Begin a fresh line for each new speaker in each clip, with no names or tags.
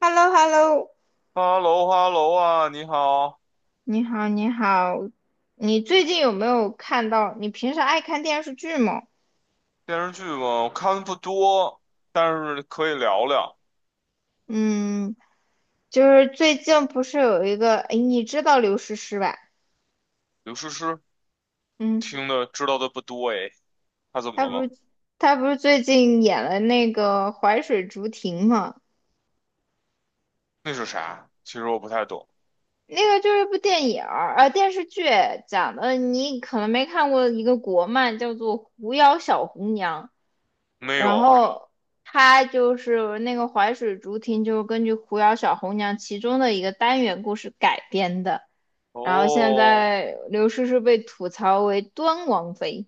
h e l l o h e l l o
Hello，Hello 啊，你好，
你好，你好，你最近有没有看到？你平时爱看电视剧吗？
电视剧嘛，我看的不多，但是可以聊聊。
嗯，就是最近不是有一个，哎，你知道刘诗诗吧？
刘诗诗
嗯，
听的知道的不多诶，她怎么
她
了
不
吗？
是她不是最近演了那个《淮水竹亭》吗？
那是啥？其实我不太懂。
那个就是一部电影儿，电视剧讲的，你可能没看过一个国漫，叫做《狐妖小红娘》。
没
然
有。
后他就是那个淮水竹亭，就是根据《狐妖小红娘》其中的一个单元故事改编的。然后现
哦
在刘诗诗被吐槽为端王妃，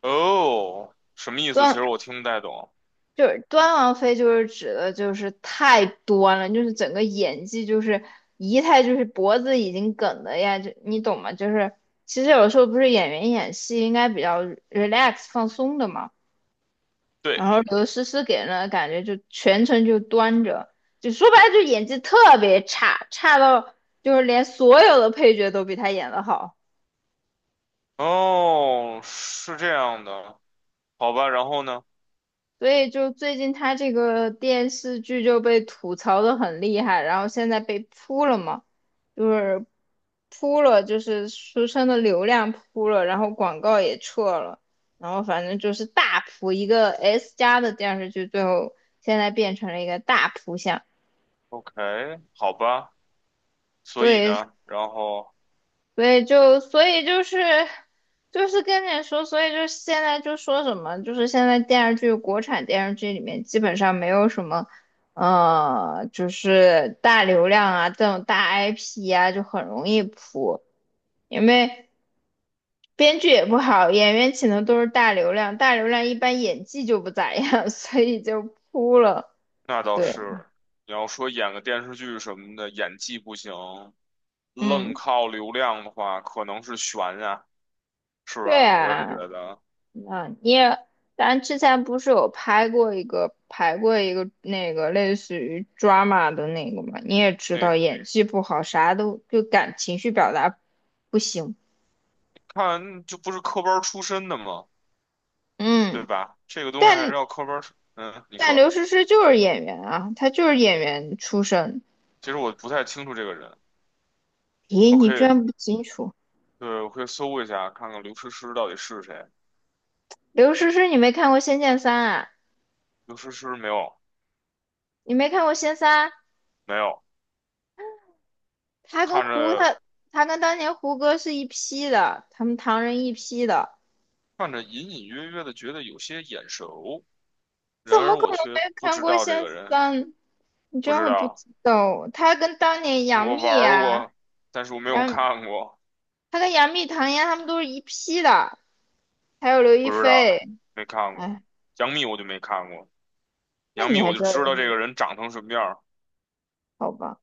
哦，什么意思？其
端
实我听不太懂。
就是端王妃，就是指的就是太端了，就是整个演技就是仪态就是脖子已经梗的呀，就你懂吗？就是其实有时候不是演员演戏应该比较 relax 放松的嘛。然
对，
后刘诗诗给人的感觉就全程就端着，就说白了就演技特别差，差到就是连所有的配角都比她演得好，
哦，是这样的，好吧。然后呢
所以就最近她这个电视剧就被吐槽的很厉害，然后现在被扑了嘛，就是扑了，就是书生的流量扑了，然后广告也撤了，然后反正就是大扑一个 S 加的电视剧，最后现在变成了一个大扑相。
？OK，好吧。所以
对，
呢？然后。
所以就是跟你说，所以就现在就说什么，就是现在电视剧国产电视剧里面基本上没有什么，就是大流量啊这种大 IP 啊，就很容易扑，因为编剧也不好，演员请的都是大流量，大流量一般演技就不咋样，所以就扑了。
那倒
对，
是，你要说演个电视剧什么的，演技不行，愣
嗯，
靠流量的话，可能是悬呀，是
对
吧？我也
啊。
觉得，
那你也，咱之前不是有拍过一个排过一个那个类似于 drama 的那个嘛？你也知
那
道演技不好，啥都就感情绪表达不行。
看就不是科班儿出身的嘛，对
嗯，
吧？这个东西还是
但
要科班儿出你
但
说，
刘诗诗就是演员啊，她就是演员出身。
其实我不太清楚这个人，
咦，
我
你
可
居
以，
然不清楚？
对，我可以搜一下，看看刘诗诗到底是谁。
刘诗诗，你没看过《仙剑三》啊？
刘诗诗没有，
你没看过《仙三》？
没有，
她跟
看
胡
着
她她跟当年胡歌是一批的，他们唐人一批的，
看着隐隐约约的觉得有些眼熟，
怎
然
么
而
可
我
能
却
没
不
看
知
过
道这
《仙
个人，
三》？你居
不
然
知
会不
道。
知道，他跟当年杨
我玩
幂
儿
啊，
过，但是我没有
杨，
看过，
他跟杨幂、唐嫣他们都是一批的，还有刘亦
不知道，
菲。
没看过。
哎，
杨幂我就没看过，
那
杨
你
幂
还
我就
知道
知
杨
道这
幂？
个人长成什么样儿。
好吧，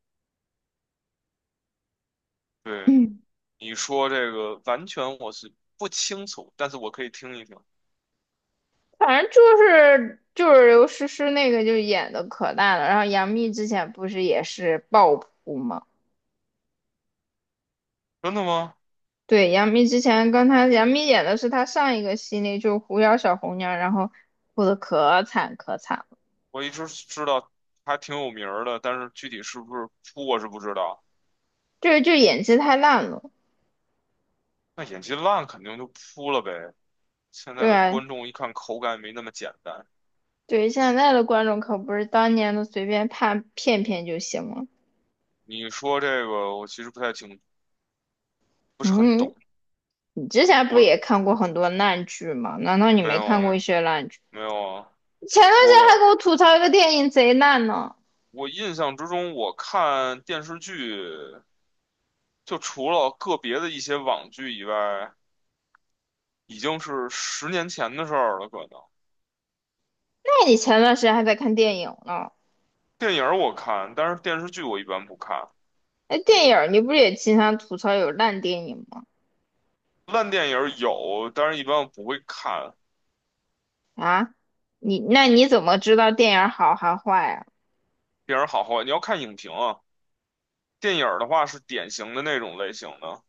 对，
嗯，
你说这个完全我是不清楚，但是我可以听一听。
反正就是刘诗诗那个就演的可烂了，然后杨幂之前不是也是爆扑吗？
真的吗？
对，杨幂之前跟杨幂演的是她上一个系列，就是《狐妖小红娘》，然后哭的可惨可惨了，
我一直知道她挺有名儿的，但是具体是不是扑我是不知道。
就演技太烂了。
那演技烂肯定就扑了呗。现在
对
的
啊，
观众一看口感没那么简单。
对，现在的观众可不是当年的随便判骗骗就行了。
你说这个我其实不太清，不是很
嗯，
懂。
你之前不
我
也看过很多烂剧吗？难道你
没
没
有
看过一
啊，
些烂剧？
没有啊。
前段时间还给我
我
吐槽一个电影贼烂呢。
我印象之中，我看电视剧，就除了个别的一些网剧以外，已经是10年前的事儿了。可能
那你前段时间还在看电影呢？
电影儿我看，但是电视剧我一般不看。
哎，电影儿你不是也经常吐槽有烂电影吗？
烂电影儿有，但是一般我不会看。
啊，那你怎么知道电影儿好还坏啊？
电影儿好坏，你要看影评啊。电影儿的话是典型的那种类型的，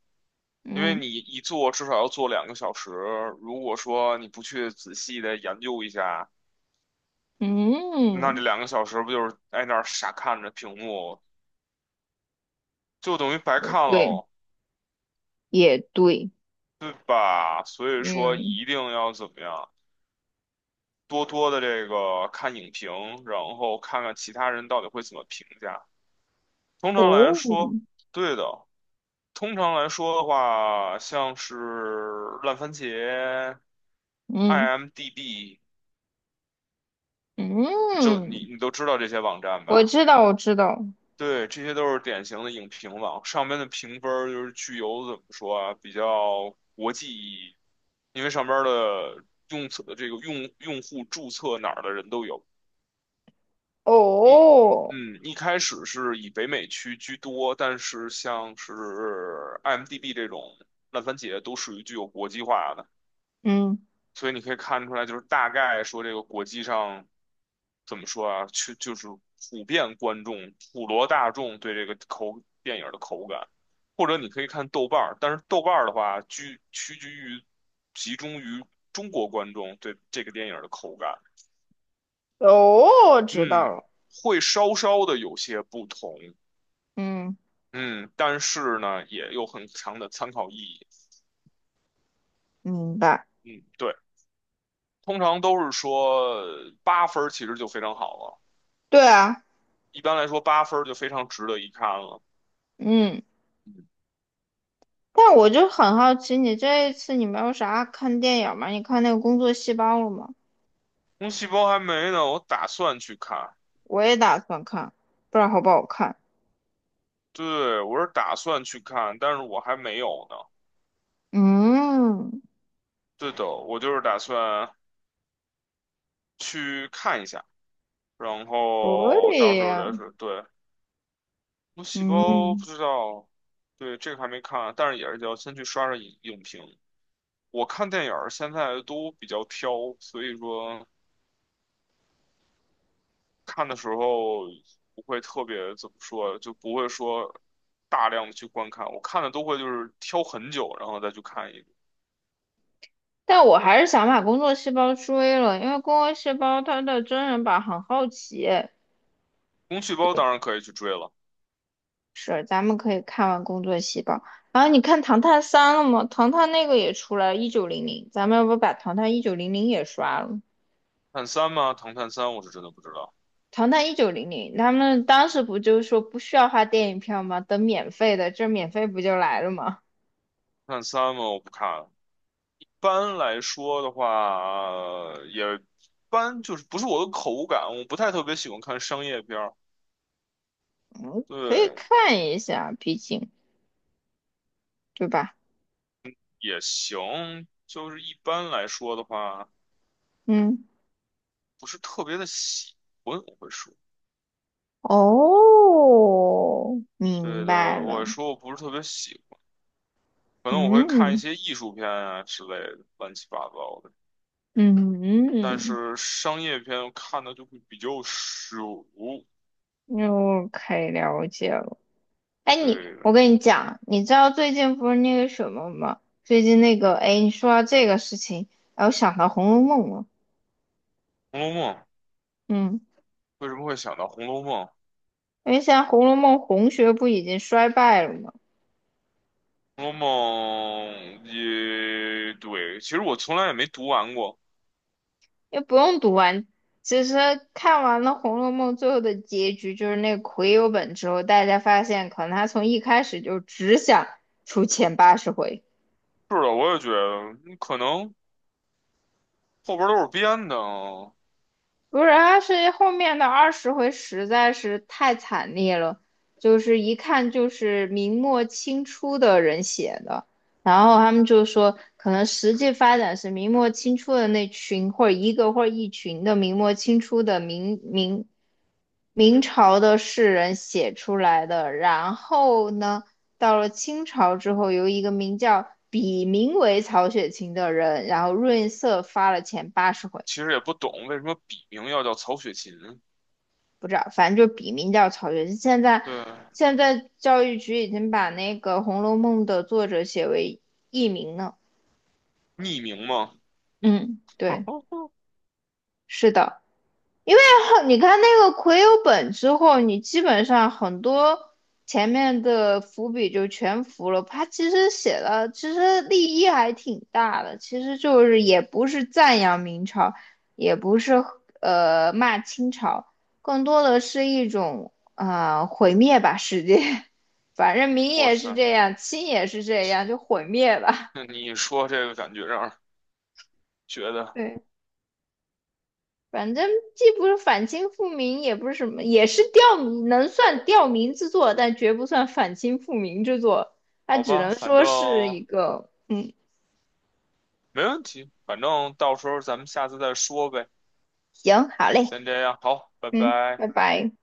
因为
嗯
你一坐至少要坐两个小时。如果说你不去仔细的研究一下，那
嗯，
这两个小时不就是在那儿傻看着屏幕，就等于白看
对，
喽。
也对，
对吧？所以说
嗯，
一定要怎么样，多多的这个看影评，然后看看其他人到底会怎么评价。通常来
哦，
说，对的。通常来说的话，像是烂番茄、
嗯
IMDB，就你
嗯。
你都知道这些网站
我
吧？
知道，我知道。
对，这些都是典型的影评网，上面的评分儿就是具有怎么说啊，比较国际意义，因为上边儿的用册这个用用户注册哪儿的人都有。一，
哦，
一开始是以北美区居多，但是像是 IMDB 这种烂番茄都属于具有国际化的，
嗯，
所以你可以看出来，就是大概说这个国际上怎么说啊，去就是普遍观众、普罗大众对这个电影的口感，或者你可以看豆瓣儿，但是豆瓣儿的话，居屈居于集中于中国观众对这个电影的口感，
哦，知道
嗯，
了。
会稍稍的有些不同。
嗯，
嗯，但是呢，也有很强的参考意义。
明白。
嗯，对，通常都是说八分儿其实就非常好了，
对啊，
一般来说八分儿就非常值得一看了。
嗯。
嗯，
但我就很好奇，你这一次你没有啥看电影吗？你看那个《工作细胞》了吗？
红细胞还没呢，我打算去看。
我也打算看，不知道好不好看。
对，我是打算去看，但是我还没有呢。
嗯，
对的，我就是打算去看一下，然
可
后到时
以。
候再说。对，红细胞不
嗯，
知道，对，这个还没看啊，但是也是要先去刷刷影评。我看电影儿现在都比较挑，所以说看的时候不会特别怎么说，就不会说大量的去观看。我看的都会就是挑很久，然后再去看一部。
但我还是想把《工作细胞》追了，因为《工作细胞》它的真人版很好奇。
工具包当然可以去追了，
是，咱们可以看完《工作细胞》，然后你看《唐探三》了吗？《唐探》那个也出来一九零零，咱们要不把《唐探一九零零》也刷了？
探三吗？唐探三我是真的不知道，
《唐探一九零零》，他们当时不就是说不需要花电影票吗？等免费的，这免费不就来了吗？
探三吗？我不看。一般来说的话，也一般就是不是我的口感，我不太特别喜欢看商业片儿。
嗯，可以
对，
看一下，毕竟对吧？
也行，就是一般来说的话。
嗯，
不是特别的喜欢，我会说，
哦，
对
明白
的，我
了。
说我不是特别喜欢，可能我会看一
嗯
些艺术片啊之类的，乱七八糟的。但
嗯
是商业片我看的就会比较少。
嗯可以了解了。哎，你，
对
我
的
跟你讲，你知道最近不是那个什么吗？最近那个，哎，你说到这个事情，然后想到《红楼梦》了。
红楼梦》
嗯，
为什么会想到《红楼梦》？
因为现在《红楼梦》红学不已经衰败了吗？
《红楼梦》也对，其实我从来也没读完过。
也不用读完，其实看完了《红楼梦》最后的结局，就是那个癸酉本之后，大家发现可能他从一开始就只想出前八十回。
是的，我也觉得可能后边都是编的啊，
不是，他是后面的20回实在是太惨烈了，就是一看就是明末清初的人写的，然后他们就说，可能实际发展是明末清初的那群，或者一个或者一群的明末清初的明朝的士人写出来的，然后呢，到了清朝之后，由一个名叫笔名为曹雪芹的人，然后润色发了前八十回。
其实也不懂为什么笔名要叫曹雪芹，
不知道，反正就笔名叫曹雪芹。现在
对，
现在教育局已经把那个《红楼梦》的作者写为佚名了。
匿名嘛。
嗯，对，是的。因为你看那个魁有本之后，你基本上很多前面的伏笔就全伏了。他其实写的其实立意还挺大的，其实就是也不是赞扬明朝，也不是骂清朝，更多的是一种啊毁灭吧世界。反正明
哇
也是
塞，
这样，清也是这样，就毁灭吧。
那你一说这个感觉让人觉得
对。反正既不是反清复明，也不是什么，也是吊民，能算吊民之作，但绝不算反清复明之作。它
好
只
吧，
能
反
说
正
是一个，嗯，
没问题，反正到时候咱们下次再说呗。
行，好嘞，
先这样，好，拜
嗯，
拜。
拜拜。